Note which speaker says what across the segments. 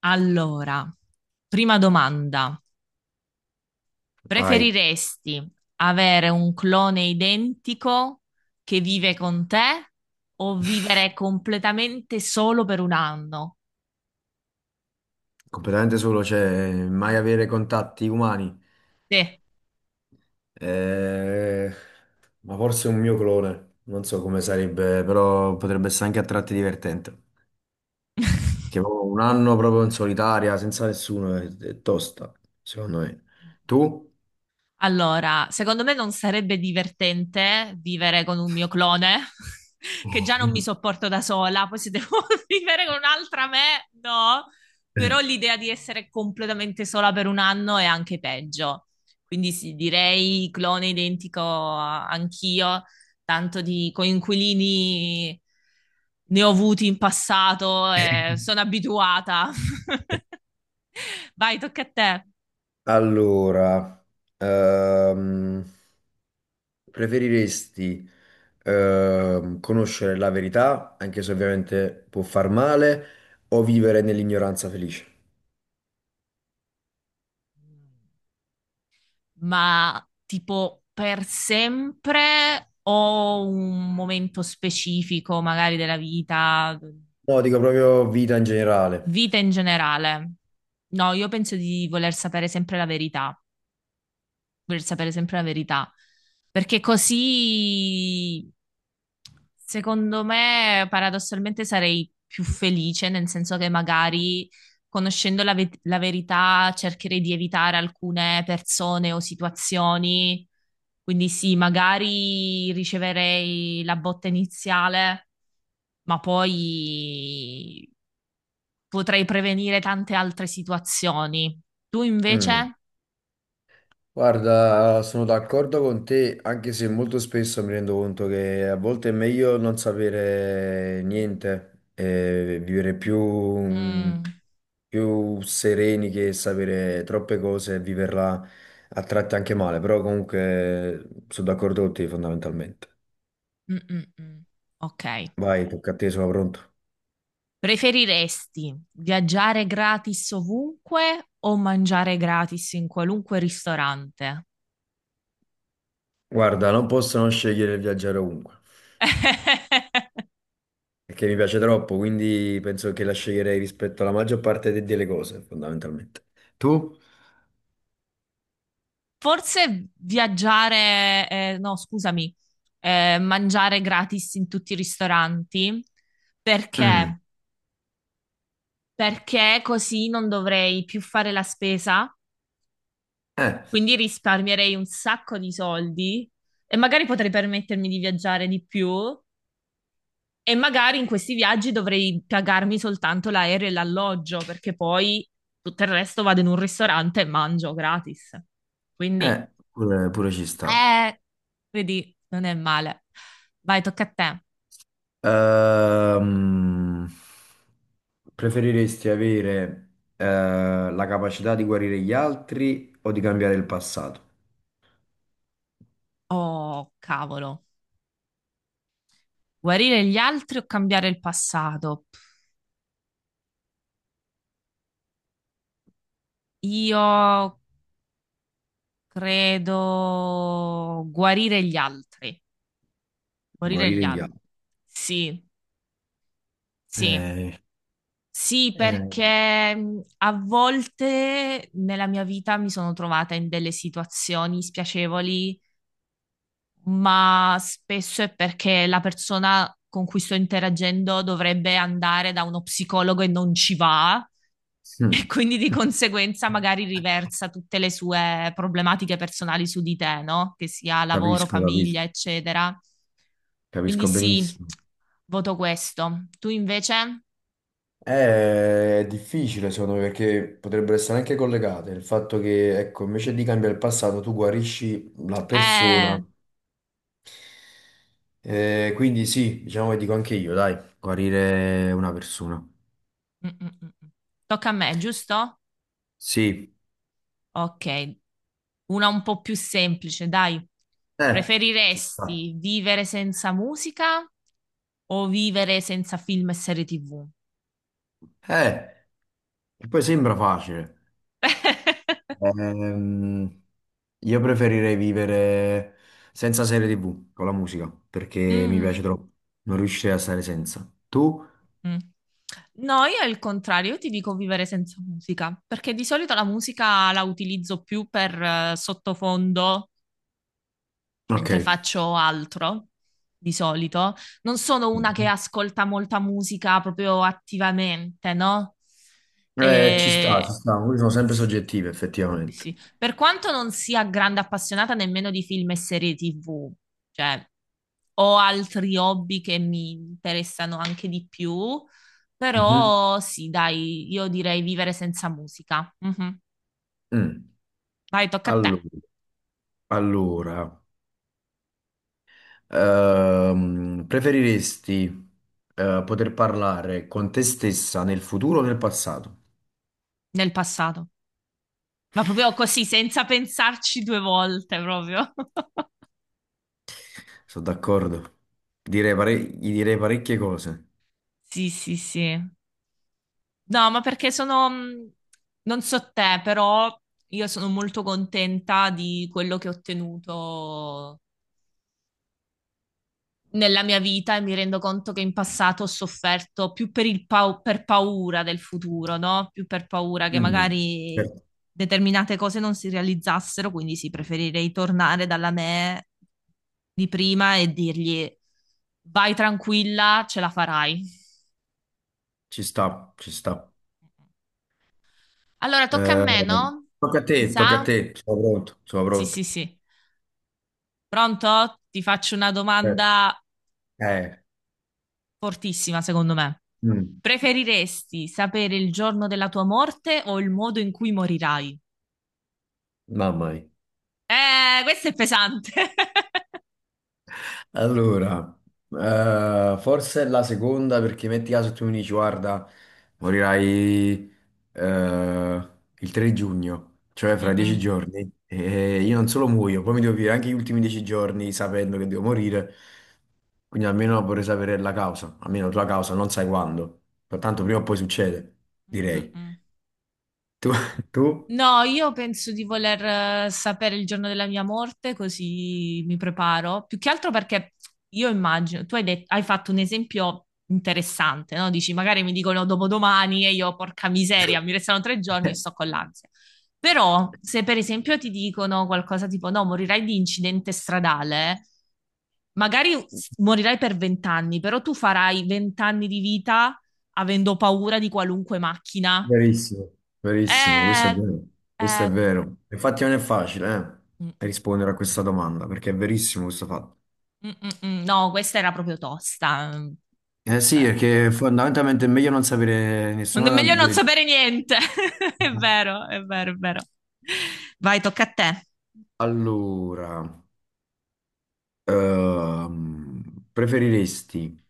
Speaker 1: Allora, prima domanda.
Speaker 2: Vai,
Speaker 1: Preferiresti avere un clone identico che vive con te o vivere completamente solo per un anno?
Speaker 2: completamente solo, cioè mai avere contatti umani.
Speaker 1: Te.
Speaker 2: Eh, ma forse un mio clone, non so come sarebbe, però potrebbe essere anche a tratti divertente. Che ho un anno proprio in solitaria, senza nessuno, è tosta, secondo me. Tu?
Speaker 1: Allora, secondo me non sarebbe divertente vivere con un mio clone, che già non mi sopporto da sola, poi se devo vivere con un'altra me, no. Però l'idea di essere completamente sola per un anno è anche peggio. Quindi sì, direi clone identico anch'io, tanto di coinquilini ne ho avuti in passato e sono abituata. Vai, tocca a te.
Speaker 2: Allora, ehm, preferiresti conoscere la verità, anche se ovviamente può far male, o vivere nell'ignoranza felice?
Speaker 1: Ma tipo per sempre o un momento specifico, magari della vita,
Speaker 2: No, dico proprio vita in generale.
Speaker 1: vita in generale? No, io penso di Voler sapere sempre la verità, perché così, secondo me, paradossalmente sarei più felice, nel senso che magari conoscendo la verità cercherei di evitare alcune persone o situazioni. Quindi sì, magari riceverei la botta iniziale, ma poi potrei prevenire tante altre situazioni. Tu
Speaker 2: Mm.
Speaker 1: invece?
Speaker 2: Guarda, sono d'accordo con te, anche se molto spesso mi rendo conto che a volte è meglio non sapere niente e vivere più,
Speaker 1: Mm.
Speaker 2: più sereni che sapere troppe cose e viverla a tratti anche male, però comunque sono d'accordo con te fondamentalmente.
Speaker 1: Mm, mm, mm. Ok.
Speaker 2: Vai, tocca a te, sono pronto.
Speaker 1: Preferiresti viaggiare gratis ovunque o mangiare gratis in qualunque ristorante?
Speaker 2: Guarda, non posso non scegliere il viaggiare ovunque, perché mi piace troppo, quindi penso che la sceglierei rispetto alla maggior parte delle cose, fondamentalmente. Tu?
Speaker 1: Forse viaggiare, no, scusami, mangiare gratis in tutti i ristoranti.
Speaker 2: Mm.
Speaker 1: Perché? Perché così non dovrei più fare la spesa,
Speaker 2: Eh,
Speaker 1: quindi risparmierei un sacco di soldi e magari potrei permettermi di viaggiare di più. E magari in questi viaggi dovrei pagarmi soltanto l'aereo e l'alloggio, perché poi tutto il resto vado in un ristorante e mangio gratis. Quindi,
Speaker 2: pure, pure ci sta.
Speaker 1: eh, vedi, non è male. Vai, tocca a te.
Speaker 2: Ehm, Preferiresti avere, eh, la capacità di guarire gli altri o di cambiare il passato?
Speaker 1: Oh, cavolo. Guarire gli altri o cambiare il passato? Io credo guarire gli altri. Guarire gli
Speaker 2: Guarire gli
Speaker 1: altri.
Speaker 2: altri.
Speaker 1: Sì, sì.
Speaker 2: Eh,
Speaker 1: Sì,
Speaker 2: eh,
Speaker 1: perché a volte nella mia vita mi sono trovata in delle situazioni spiacevoli, ma spesso è perché la persona con cui sto interagendo dovrebbe andare da uno psicologo e non ci va,
Speaker 2: mm.
Speaker 1: e quindi di conseguenza magari riversa tutte le sue problematiche personali su di te, no? Che sia lavoro,
Speaker 2: Capisco, capisco,
Speaker 1: famiglia, eccetera. Quindi
Speaker 2: capisco
Speaker 1: sì,
Speaker 2: benissimo.
Speaker 1: voto questo. Tu invece?
Speaker 2: È difficile secondo me perché potrebbero essere anche collegate. Il fatto che, ecco, invece di cambiare il passato, tu guarisci la persona.
Speaker 1: Eh.
Speaker 2: Quindi sì, diciamo che dico anche io, dai, guarire una persona.
Speaker 1: Mm, mm, mm, mm. Tocca a me, giusto?
Speaker 2: Sì,
Speaker 1: Ok, una un po' più semplice, dai.
Speaker 2: eh, ci sta.
Speaker 1: Preferiresti vivere senza musica o vivere senza film e serie TV?
Speaker 2: Eh, che poi sembra facile. Ehm, io preferirei vivere senza serie TV, con la musica, perché mi piace
Speaker 1: Mm,
Speaker 2: troppo. Non riuscirei a stare senza. Tu?
Speaker 1: mm. No, io è il contrario, io ti dico vivere senza musica, perché di solito la musica la utilizzo più per sottofondo mentre
Speaker 2: Ok.
Speaker 1: faccio altro di solito. Non sono una che ascolta molta musica proprio attivamente, no?
Speaker 2: Ci sta, ci
Speaker 1: E...
Speaker 2: sta, quindi sono sempre
Speaker 1: Sì,
Speaker 2: soggettive effettivamente.
Speaker 1: sì. Per quanto non sia grande appassionata nemmeno di film e serie TV, cioè ho altri hobby che mi interessano anche di più,
Speaker 2: Mhm.
Speaker 1: però sì, dai, io direi vivere senza musica. Mhm.
Speaker 2: Mm.
Speaker 1: Vai, tocca a te.
Speaker 2: Allora, allora, preferiresti poter parlare con te stessa nel futuro o nel passato?
Speaker 1: Nel passato. Ma proprio così, senza pensarci due volte, proprio.
Speaker 2: Sono d'accordo. Direi gli direi parecchie cose.
Speaker 1: Sì, sì, sì. No, ma perché sono, non so te, però io sono molto contenta di quello che ho ottenuto nella mia vita e mi rendo conto che in passato ho sofferto più per paura del futuro, no? Più per paura che
Speaker 2: Mm.
Speaker 1: magari
Speaker 2: Certo.
Speaker 1: determinate cose non si realizzassero, quindi sì, preferirei tornare dalla me di prima e dirgli: "Vai tranquilla, ce la farai."
Speaker 2: Ci sta, ci sta.
Speaker 1: Allora, tocca a
Speaker 2: Eh,
Speaker 1: me, no?
Speaker 2: tocca a
Speaker 1: Mi
Speaker 2: te, tocca a
Speaker 1: sa?
Speaker 2: te. Sono pronto, sono
Speaker 1: Sì, sì,
Speaker 2: pronto.
Speaker 1: sì. Pronto? Ti faccio una
Speaker 2: Eh,
Speaker 1: domanda
Speaker 2: eh,
Speaker 1: fortissima, secondo me.
Speaker 2: mm.
Speaker 1: Preferiresti sapere il giorno della tua morte o il modo in cui morirai?
Speaker 2: Mamma mia.
Speaker 1: Questo è pesante.
Speaker 2: Allora, forse è la seconda perché metti caso tu mi dici, guarda, morirai eh, il 3 giugno, cioè fra dieci
Speaker 1: Mm-mm.
Speaker 2: giorni, e io non solo muoio, poi mi devo vivere anche gli ultimi 10 giorni sapendo che devo morire, quindi almeno vorrei sapere la causa, almeno la tua causa, non sai quando, tanto prima o poi succede, direi.
Speaker 1: Mm-mm.
Speaker 2: Tu? Tu?
Speaker 1: No, io penso di voler sapere il giorno della mia morte, così mi preparo. Più che altro perché io immagino, tu hai fatto un esempio interessante, no? Dici, magari mi dicono dopodomani e io, porca miseria, mi restano 3 giorni e sto con l'ansia. Però, se per esempio ti dicono qualcosa tipo, no, morirai di incidente stradale, magari morirai per 20 anni, però tu farai 20 anni di vita avendo paura di qualunque macchina.
Speaker 2: Verissimo, verissimo, questo è
Speaker 1: Eh,
Speaker 2: vero, questo è
Speaker 1: eh.
Speaker 2: vero. Infatti non è facile,
Speaker 1: Mm, mm, mm.
Speaker 2: rispondere a questa domanda, perché è verissimo questo fatto.
Speaker 1: Mm, mm, mm. No, questa era proprio tosta. Mm,
Speaker 2: Eh sì,
Speaker 1: vabbè.
Speaker 2: perché fondamentalmente è meglio non sapere nessuna
Speaker 1: Meglio non
Speaker 2: delle
Speaker 1: sapere niente. È
Speaker 2: due.
Speaker 1: vero, è vero, è vero. Vai, tocca a te.
Speaker 2: Allora, preferiresti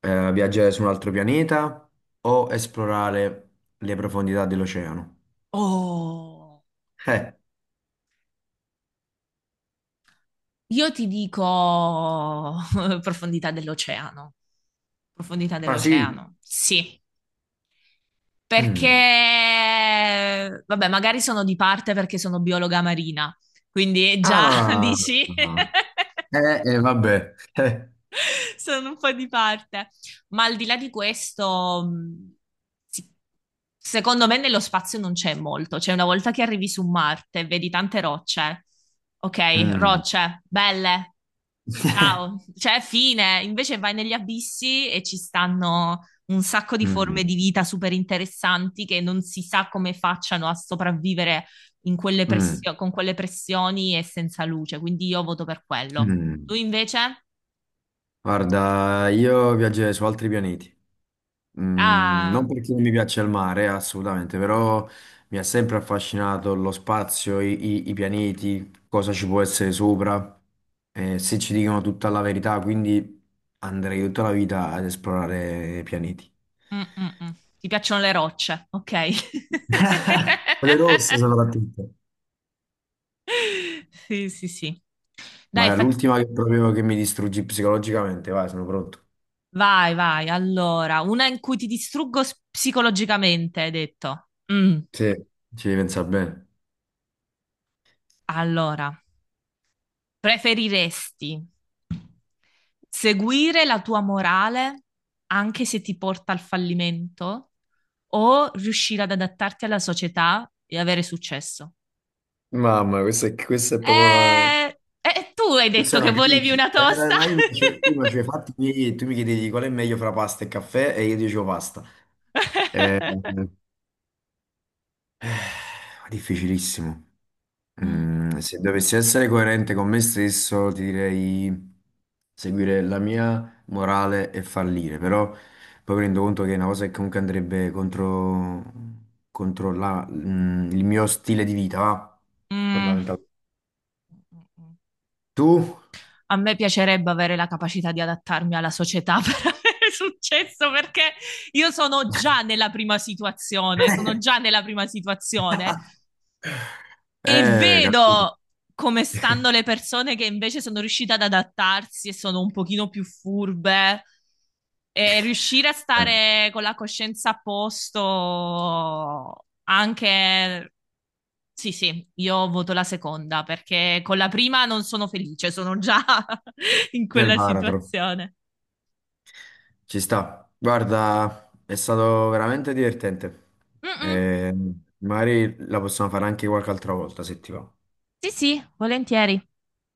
Speaker 2: viaggiare su un altro pianeta o esplorare le profondità dell'oceano?
Speaker 1: Oh,
Speaker 2: Eh,
Speaker 1: io ti dico profondità dell'oceano. Profondità
Speaker 2: ah sì.
Speaker 1: dell'oceano, sì. Perché,
Speaker 2: Mm.
Speaker 1: vabbè, magari sono di parte perché sono biologa marina, quindi già
Speaker 2: Ah,
Speaker 1: dici.
Speaker 2: vabbè.
Speaker 1: Sono un po' di parte. Ma al di là di questo, sì, secondo me nello spazio non c'è molto. Cioè, una volta che arrivi su Marte, vedi tante rocce. Ok,
Speaker 2: Mm.
Speaker 1: rocce, belle, ciao. Cioè, fine. Invece vai negli abissi e ci stanno un sacco di
Speaker 2: Mm,
Speaker 1: forme di vita super interessanti che non si sa come facciano a sopravvivere
Speaker 2: mm,
Speaker 1: con quelle pressioni e senza luce. Quindi io voto per quello. Tu
Speaker 2: mm.
Speaker 1: invece?
Speaker 2: Guarda, io viaggerei su altri pianeti. Mm, non
Speaker 1: Ah.
Speaker 2: perché non mi piace il mare, assolutamente, però mi ha sempre affascinato lo spazio, i pianeti, cosa ci può essere sopra, se ci dicono tutta la verità, quindi andrei tutta la vita ad esplorare i pianeti.
Speaker 1: Mm, mm, mm. Ti piacciono le rocce, ok.
Speaker 2: Quelle rosse soprattutto.
Speaker 1: Sì, sì, sì. Dai,
Speaker 2: Ma è l'ultima che proprio che mi distruggi psicologicamente, vai, sono pronto.
Speaker 1: vai, vai. Allora, una in cui ti distruggo psicologicamente, hai detto. Mm.
Speaker 2: Sì, ci devi pensare bene.
Speaker 1: Allora, preferiresti seguire la tua morale anche se ti porta al fallimento o riuscire ad adattarti alla società e avere successo?
Speaker 2: Mamma, questa è proprio.
Speaker 1: Eh, tu hai
Speaker 2: Questa
Speaker 1: detto
Speaker 2: è
Speaker 1: che
Speaker 2: una
Speaker 1: volevi
Speaker 2: crisi.
Speaker 1: una
Speaker 2: Era
Speaker 1: tosta.
Speaker 2: mai prima, cioè, tu mi chiedevi qual è meglio fra pasta e caffè e io dicevo pasta. Eh, eh, Difficilissimo.
Speaker 1: Mm,
Speaker 2: Se dovessi essere coerente con me stesso, ti direi seguire la mia morale e fallire, però poi mi rendo conto che è una cosa che comunque andrebbe contro il mio stile di vita, va?
Speaker 1: mm, mm.
Speaker 2: Fondamentale. Tu?
Speaker 1: A me piacerebbe avere la capacità di adattarmi alla società per avere successo, perché io sono già nella prima situazione, sono già nella prima situazione e
Speaker 2: Capito.
Speaker 1: vedo come stanno le persone che invece sono riuscite ad adattarsi e sono un pochino più furbe. E riuscire a
Speaker 2: Eh,
Speaker 1: stare con la coscienza a posto anche. Sì, sì, io voto la seconda perché con la prima non sono felice, sono già in
Speaker 2: del
Speaker 1: quella
Speaker 2: baratro.
Speaker 1: situazione.
Speaker 2: Ci sta. Guarda, è stato veramente divertente.
Speaker 1: Mm-mm.
Speaker 2: Eh, magari la possiamo fare anche qualche altra volta se ti va.
Speaker 1: Sì, sì, volentieri.